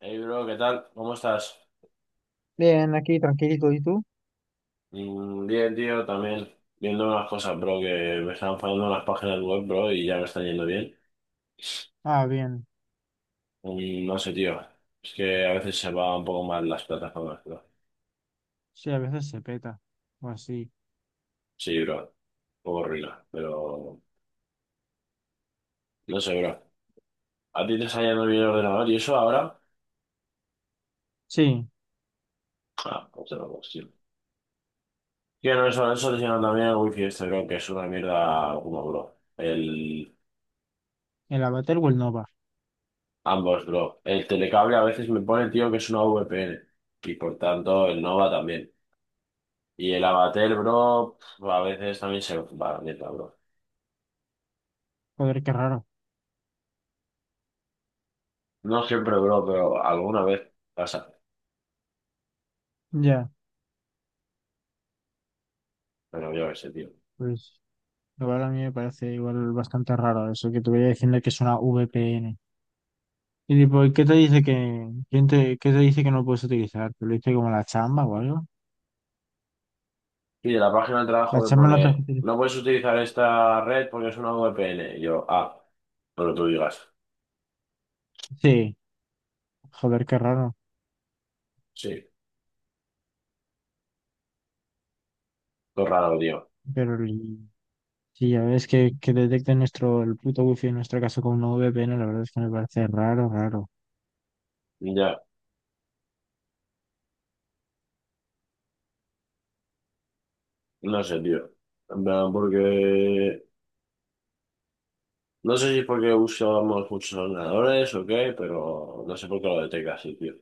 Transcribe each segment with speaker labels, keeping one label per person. Speaker 1: Hey bro, ¿qué tal? ¿Cómo estás?
Speaker 2: Bien, aquí tranquilito, ¿y tú?
Speaker 1: Mm, bien, tío, también viendo unas cosas, bro, que me están fallando las páginas web, bro, y ya me están yendo bien.
Speaker 2: Ah, bien.
Speaker 1: Mm, no sé, tío, es que a veces se va un poco mal las plataformas, bro.
Speaker 2: Sí, a veces se peta. O así.
Speaker 1: Sí, bro, un poco ruina, pero no sé, bro. ¿A ti te está yendo bien el ordenador y eso ahora?
Speaker 2: Sí,
Speaker 1: Ah, otra cuestión. Tío, no, eso te llena también el wifi este, bro, que es una mierda como, bro. El...
Speaker 2: el Avatar o el Nova.
Speaker 1: Ambos, bro. El telecable a veces me pone, tío, que es una VPN. Y por tanto, el Nova también. Y el abatel, bro, pf, a veces también se va a la mierda, bro.
Speaker 2: Joder, qué raro.
Speaker 1: No siempre, bro, pero alguna vez pasa.
Speaker 2: Ya,
Speaker 1: Pero yo qué sé, tío.
Speaker 2: pues igual a mí me parece igual bastante raro eso que te voy a diciendo que es una VPN. Y tipo, ¿y qué te dice que, quién te, qué te dice que no puedes utilizar? ¿Te lo dice como la chamba o algo?
Speaker 1: Y de la página de trabajo
Speaker 2: La
Speaker 1: me
Speaker 2: chamba no te deja
Speaker 1: pone,
Speaker 2: utilizar.
Speaker 1: no puedes utilizar esta red porque es una VPN. Y yo, ah, pero tú digas.
Speaker 2: Sí, joder, qué raro.
Speaker 1: Sí, todo raro, tío.
Speaker 2: Pero el- sí, ya ves que detecten nuestro, el puto wifi en nuestro caso con una VPN, la verdad es que me parece raro, raro.
Speaker 1: Ya, no sé, tío. En plan, porque... No sé si es porque usamos muchos ordenadores o qué, pero no sé por qué lo detecta así, tío.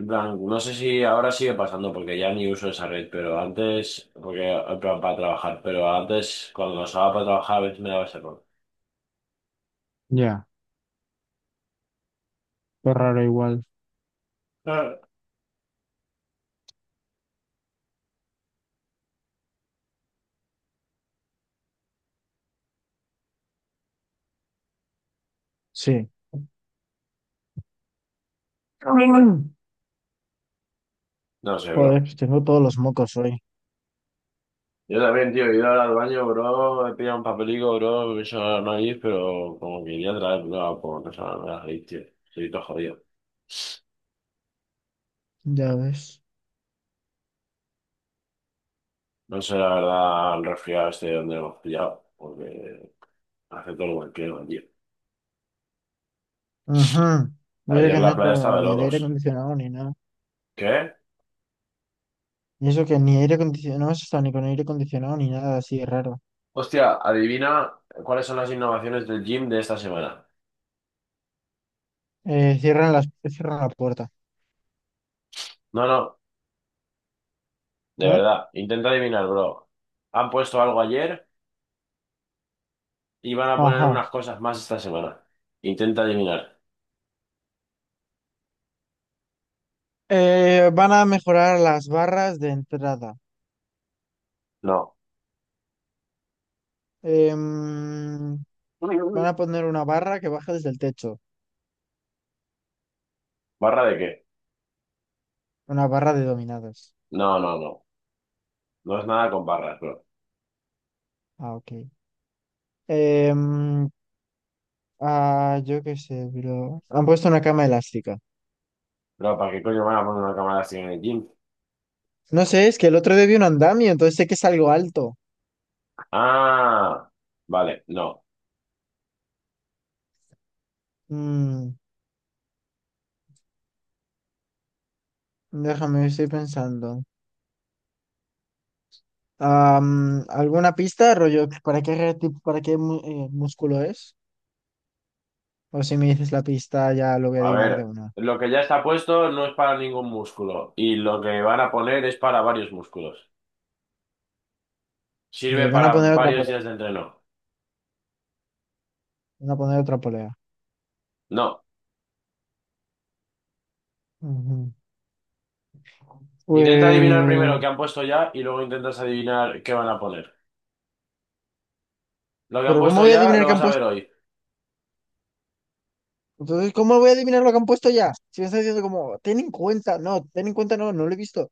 Speaker 1: En plan, no sé si ahora sigue pasando porque ya ni uso esa red, pero antes, porque en plan, para trabajar, pero antes cuando lo usaba para trabajar a veces me daba ese error.
Speaker 2: Ya, pues raro igual.
Speaker 1: Ah,
Speaker 2: Sí. Mm.
Speaker 1: no sé, bro.
Speaker 2: Joder, pues tengo todos los mocos hoy.
Speaker 1: Yo también, tío, he ido ahora al baño, bro, he pillado un papelico, bro, me he hecho la nariz, pero como que quería traer, bro, como no sé, me va la nariz, tío. Estoy todo jodido.
Speaker 2: Ya ves.
Speaker 1: No sé, la verdad, el resfriado este de donde hemos pillado, porque hace todo lo que quiero, tío.
Speaker 2: Ajá. Y eso
Speaker 1: Ayer
Speaker 2: que
Speaker 1: la
Speaker 2: no
Speaker 1: playa estaba
Speaker 2: estamos
Speaker 1: de
Speaker 2: ni el aire
Speaker 1: locos.
Speaker 2: acondicionado ni nada.
Speaker 1: ¿Qué?
Speaker 2: Y eso que ni aire acondicionado, no hemos estado ni con aire acondicionado ni nada así de raro.
Speaker 1: Hostia, adivina cuáles son las innovaciones del gym de esta semana.
Speaker 2: Cierran las, cierran la puerta,
Speaker 1: No, no, de
Speaker 2: ¿no?
Speaker 1: verdad, intenta adivinar, bro. Han puesto algo ayer y van a poner
Speaker 2: Ajá.
Speaker 1: unas cosas más esta semana. Intenta adivinar.
Speaker 2: Van a mejorar las barras de entrada.
Speaker 1: No.
Speaker 2: Em, Van a poner una barra que baja desde el techo.
Speaker 1: ¿Barra de qué?
Speaker 2: Una barra de dominadas.
Speaker 1: No, no, no. No es nada con barras, bro.
Speaker 2: Ah, ok. Em, yo qué sé, bro. Han puesto una cama elástica.
Speaker 1: Bro, ¿para qué coño van a poner una cámara así en el gym?
Speaker 2: No sé, es que el otro día vi un andamio, entonces sé que es algo alto.
Speaker 1: Ah, vale, no.
Speaker 2: Mm, déjame, estoy pensando. ¿Alguna pista, rollo? ¿Para qué músculo es? O si me dices la pista, ya lo voy a
Speaker 1: A
Speaker 2: adivinar de
Speaker 1: ver,
Speaker 2: una.
Speaker 1: lo que ya está puesto no es para ningún músculo y lo que van a poner es para varios músculos. Sirve
Speaker 2: Van a
Speaker 1: para
Speaker 2: poner otra
Speaker 1: varios días de
Speaker 2: polea.
Speaker 1: entreno.
Speaker 2: Van a poner otra polea.
Speaker 1: No.
Speaker 2: Ujú.
Speaker 1: Intenta adivinar
Speaker 2: Eh,
Speaker 1: primero qué han puesto ya y luego intentas adivinar qué van a poner. Lo que han
Speaker 2: pero ¿cómo
Speaker 1: puesto
Speaker 2: voy a
Speaker 1: ya
Speaker 2: adivinar
Speaker 1: lo
Speaker 2: que
Speaker 1: vas
Speaker 2: han
Speaker 1: a ver
Speaker 2: puesto?
Speaker 1: hoy.
Speaker 2: Entonces, ¿cómo voy a adivinar lo que han puesto ya? Si me estás diciendo como, ten en cuenta, no, ten en cuenta, no, no lo he visto.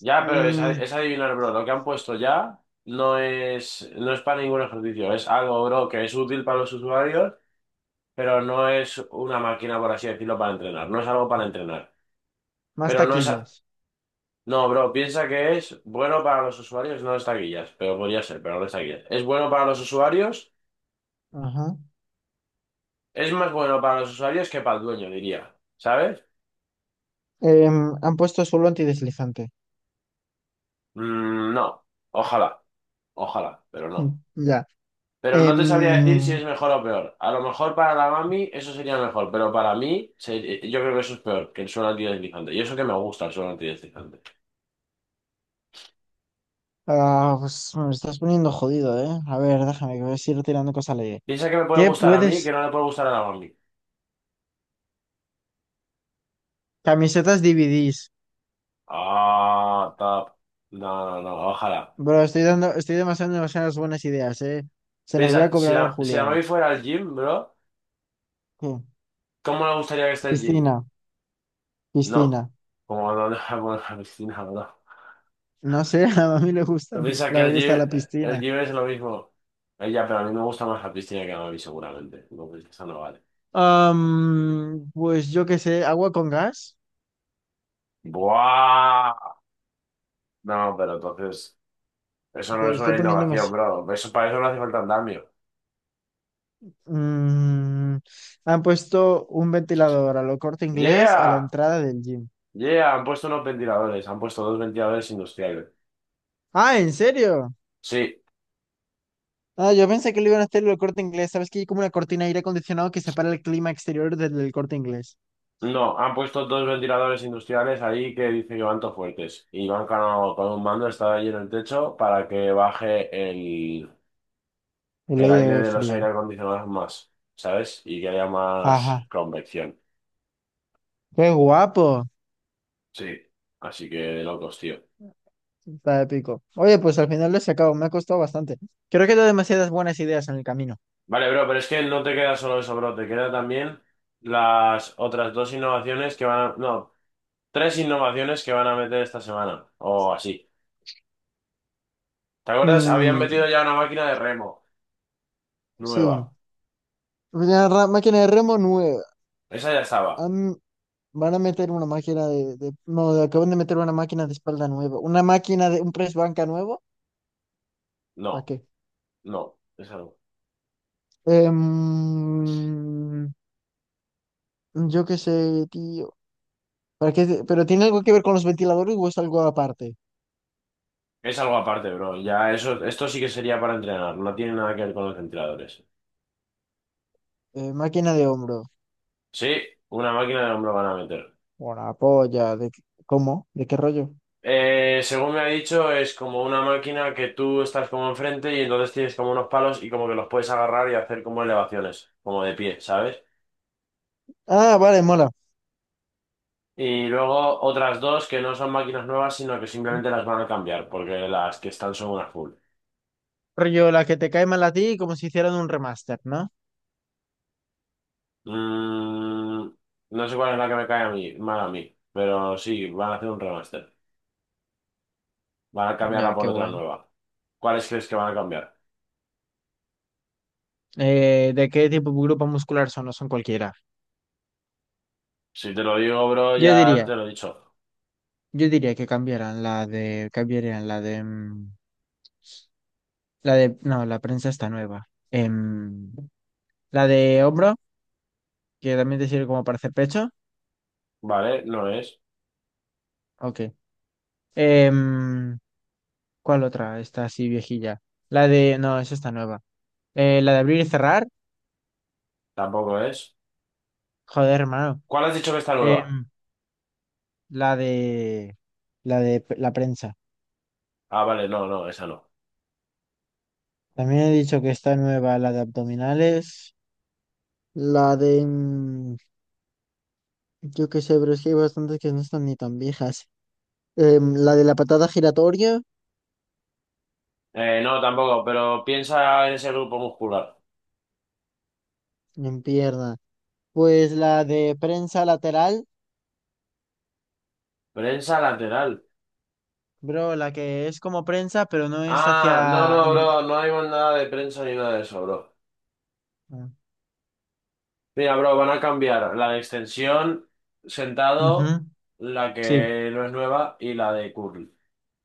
Speaker 1: Ya, pero es, a-
Speaker 2: Mm,
Speaker 1: es adivinar, bro. Lo que han puesto ya no es para ningún ejercicio. Es algo, bro, que es útil para los usuarios, pero no es una máquina, por así decirlo, para entrenar. No es algo para entrenar.
Speaker 2: más
Speaker 1: Pero no es... a-
Speaker 2: taquillas.
Speaker 1: No, bro, piensa que es bueno para los usuarios, no es taquillas, pero podría ser, pero no es taquillas. Es bueno para los usuarios,
Speaker 2: Ajá.
Speaker 1: es más bueno para los usuarios que para el dueño, diría. ¿Sabes?
Speaker 2: Han puesto suelo antideslizante.
Speaker 1: Mm, no. Ojalá. Ojalá, pero no.
Speaker 2: Ya.
Speaker 1: Pero no te sabría decir si
Speaker 2: Em,
Speaker 1: es mejor o peor. A lo mejor para la mami eso sería mejor, pero para mí se- yo creo que eso es peor que el suelo antideslizante. Y eso que me gusta el suelo antideslizante.
Speaker 2: pues me estás poniendo jodido, ¿eh? A ver, déjame que voy a ir tirando cosas a la idea.
Speaker 1: Piensa que me puede
Speaker 2: ¿Qué
Speaker 1: gustar a mí, que
Speaker 2: puedes?
Speaker 1: no le puede gustar a la mami.
Speaker 2: Camisetas DVDs.
Speaker 1: Ah, tap. No, no, no, ojalá.
Speaker 2: Bro, estoy dando, demasiadas buenas ideas, ¿eh? Se las voy
Speaker 1: Piensa,
Speaker 2: a
Speaker 1: si
Speaker 2: cobrar
Speaker 1: la,
Speaker 2: al
Speaker 1: si la
Speaker 2: Julián.
Speaker 1: mami fuera al gym, bro,
Speaker 2: Sí.
Speaker 1: ¿cómo le gustaría que esté el gym?
Speaker 2: Piscina,
Speaker 1: No,
Speaker 2: piscina.
Speaker 1: como no deja poner la piscina, bro.
Speaker 2: No sé, a mí
Speaker 1: Piensa que
Speaker 2: le gusta la
Speaker 1: el
Speaker 2: piscina.
Speaker 1: gym es lo mismo. Ella, pero a mí me gusta más la piscina que la mami, seguramente. Entonces, eso no vale.
Speaker 2: Pues yo qué sé, agua con gas.
Speaker 1: ¡Buah! No, pero entonces, eso
Speaker 2: Te
Speaker 1: no
Speaker 2: lo
Speaker 1: es
Speaker 2: estoy
Speaker 1: una
Speaker 2: poniendo
Speaker 1: innovación,
Speaker 2: más.
Speaker 1: bro. Eso, para eso no hace falta andamio.
Speaker 2: Mm, han puesto un ventilador a lo Corte Inglés a la
Speaker 1: ¡Yeah!
Speaker 2: entrada del gym.
Speaker 1: ¡Yeah! Han puesto unos ventiladores, han puesto dos ventiladores industriales.
Speaker 2: Ah, ¿en serio?
Speaker 1: Sí,
Speaker 2: Ah, yo pensé que lo iban a hacer el Corte Inglés. ¿Sabes que hay como una cortina de aire acondicionado que separa el clima exterior del Corte Inglés?
Speaker 1: no, han puesto dos ventiladores industriales ahí que dicen que van todos fuertes. Y van con un mando, está ahí en el techo para que baje
Speaker 2: El
Speaker 1: el aire
Speaker 2: aire
Speaker 1: de los aire
Speaker 2: frío.
Speaker 1: acondicionados más, ¿sabes? Y que haya
Speaker 2: Ajá.
Speaker 1: más convección.
Speaker 2: Qué guapo.
Speaker 1: Sí. Así que de locos, tío.
Speaker 2: Está épico. Oye, pues al final lo he sacado. Me ha costado bastante. Creo que he dado demasiadas buenas ideas en el camino.
Speaker 1: Vale, bro, pero es que no te queda solo eso, bro, te queda también las otras dos innovaciones que van a... No, tres innovaciones que van a meter esta semana, o así. ¿Te acuerdas? Habían
Speaker 2: Mm,
Speaker 1: metido ya una máquina de remo
Speaker 2: sí.
Speaker 1: nueva.
Speaker 2: Máquina de remo nueva.
Speaker 1: Esa ya estaba.
Speaker 2: Am- van a meter una máquina de- No, de- Acaban de meter una máquina de espalda nueva. Una máquina de un press banca nuevo. ¿Para
Speaker 1: No,
Speaker 2: qué?
Speaker 1: no, es algo.
Speaker 2: Em, Yo qué sé, tío. ¿Pero tiene algo que ver con los ventiladores o es algo aparte?
Speaker 1: Es algo aparte, bro. Ya eso, esto sí que sería para entrenar, no tiene nada que ver con los ventiladores.
Speaker 2: Máquina de hombro.
Speaker 1: Sí, una máquina de hombro van a meter.
Speaker 2: Una polla. ¿Cómo? ¿De qué rollo?
Speaker 1: Según me ha dicho, es como una máquina que tú estás como enfrente y entonces tienes como unos palos y como que los puedes agarrar y hacer como elevaciones, como de pie, ¿sabes?
Speaker 2: Ah, vale, mola.
Speaker 1: Y luego otras dos que no son máquinas nuevas, sino que simplemente las van a cambiar, porque las que están son una full.
Speaker 2: Rollo, la que te cae mal a ti, como si hicieran un remaster, ¿no?
Speaker 1: Mm, no sé cuál es la que me cae a mí, mal a mí, pero sí, van a hacer un remaster. Van a cambiarla
Speaker 2: Ya,
Speaker 1: por
Speaker 2: qué
Speaker 1: otra
Speaker 2: bueno.
Speaker 1: nueva. ¿Cuáles crees que van a cambiar?
Speaker 2: ¿De qué tipo de grupo muscular son? No son cualquiera.
Speaker 1: Si te lo digo, bro,
Speaker 2: Yo
Speaker 1: ya te
Speaker 2: diría,
Speaker 1: lo he dicho.
Speaker 2: yo diría que cambiaran la de, cambiarían la de, mm, la de, no, la prensa está nueva. La de hombro, que también te sirve como para hacer pecho.
Speaker 1: Vale, no es,
Speaker 2: Ok. Em, ¿Cuál otra? Está así viejilla. La de. No, esa está nueva. La de abrir y cerrar.
Speaker 1: tampoco es.
Speaker 2: Joder, hermano.
Speaker 1: ¿Cuál has dicho que está nueva?
Speaker 2: Em, la de. La de la prensa.
Speaker 1: Ah, vale, no, no, esa no.
Speaker 2: También he dicho que está nueva la de abdominales. La de. Mm, yo qué sé, pero es que hay bastantes que no están ni tan viejas. La de la patada giratoria.
Speaker 1: No, tampoco, pero piensa en ese grupo muscular.
Speaker 2: En pierna. Pues la de prensa lateral.
Speaker 1: Prensa lateral.
Speaker 2: Bro, la que es como prensa, pero no es
Speaker 1: Ah, no, no,
Speaker 2: hacia.
Speaker 1: bro, no hay nada de prensa ni nada de eso, bro.
Speaker 2: Ah,
Speaker 1: Mira, bro, van a cambiar la de extensión, sentado,
Speaker 2: ujú,
Speaker 1: la
Speaker 2: sí.
Speaker 1: que no es nueva, y la de curl,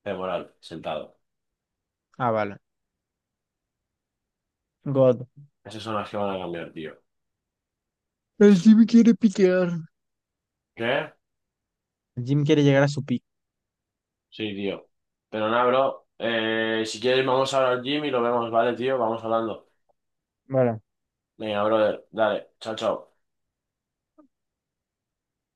Speaker 1: femoral, sentado.
Speaker 2: Ah, vale. God.
Speaker 1: Esas son las que van a cambiar, tío.
Speaker 2: El Jimmy quiere piquear.
Speaker 1: ¿Qué?
Speaker 2: Jim quiere llegar a su pico.
Speaker 1: Sí, tío. Pero nada, bro, si quieres vamos ahora al gym y lo vemos, ¿vale, tío? Vamos hablando.
Speaker 2: Bueno,
Speaker 1: Venga, brother, dale, chao, chao.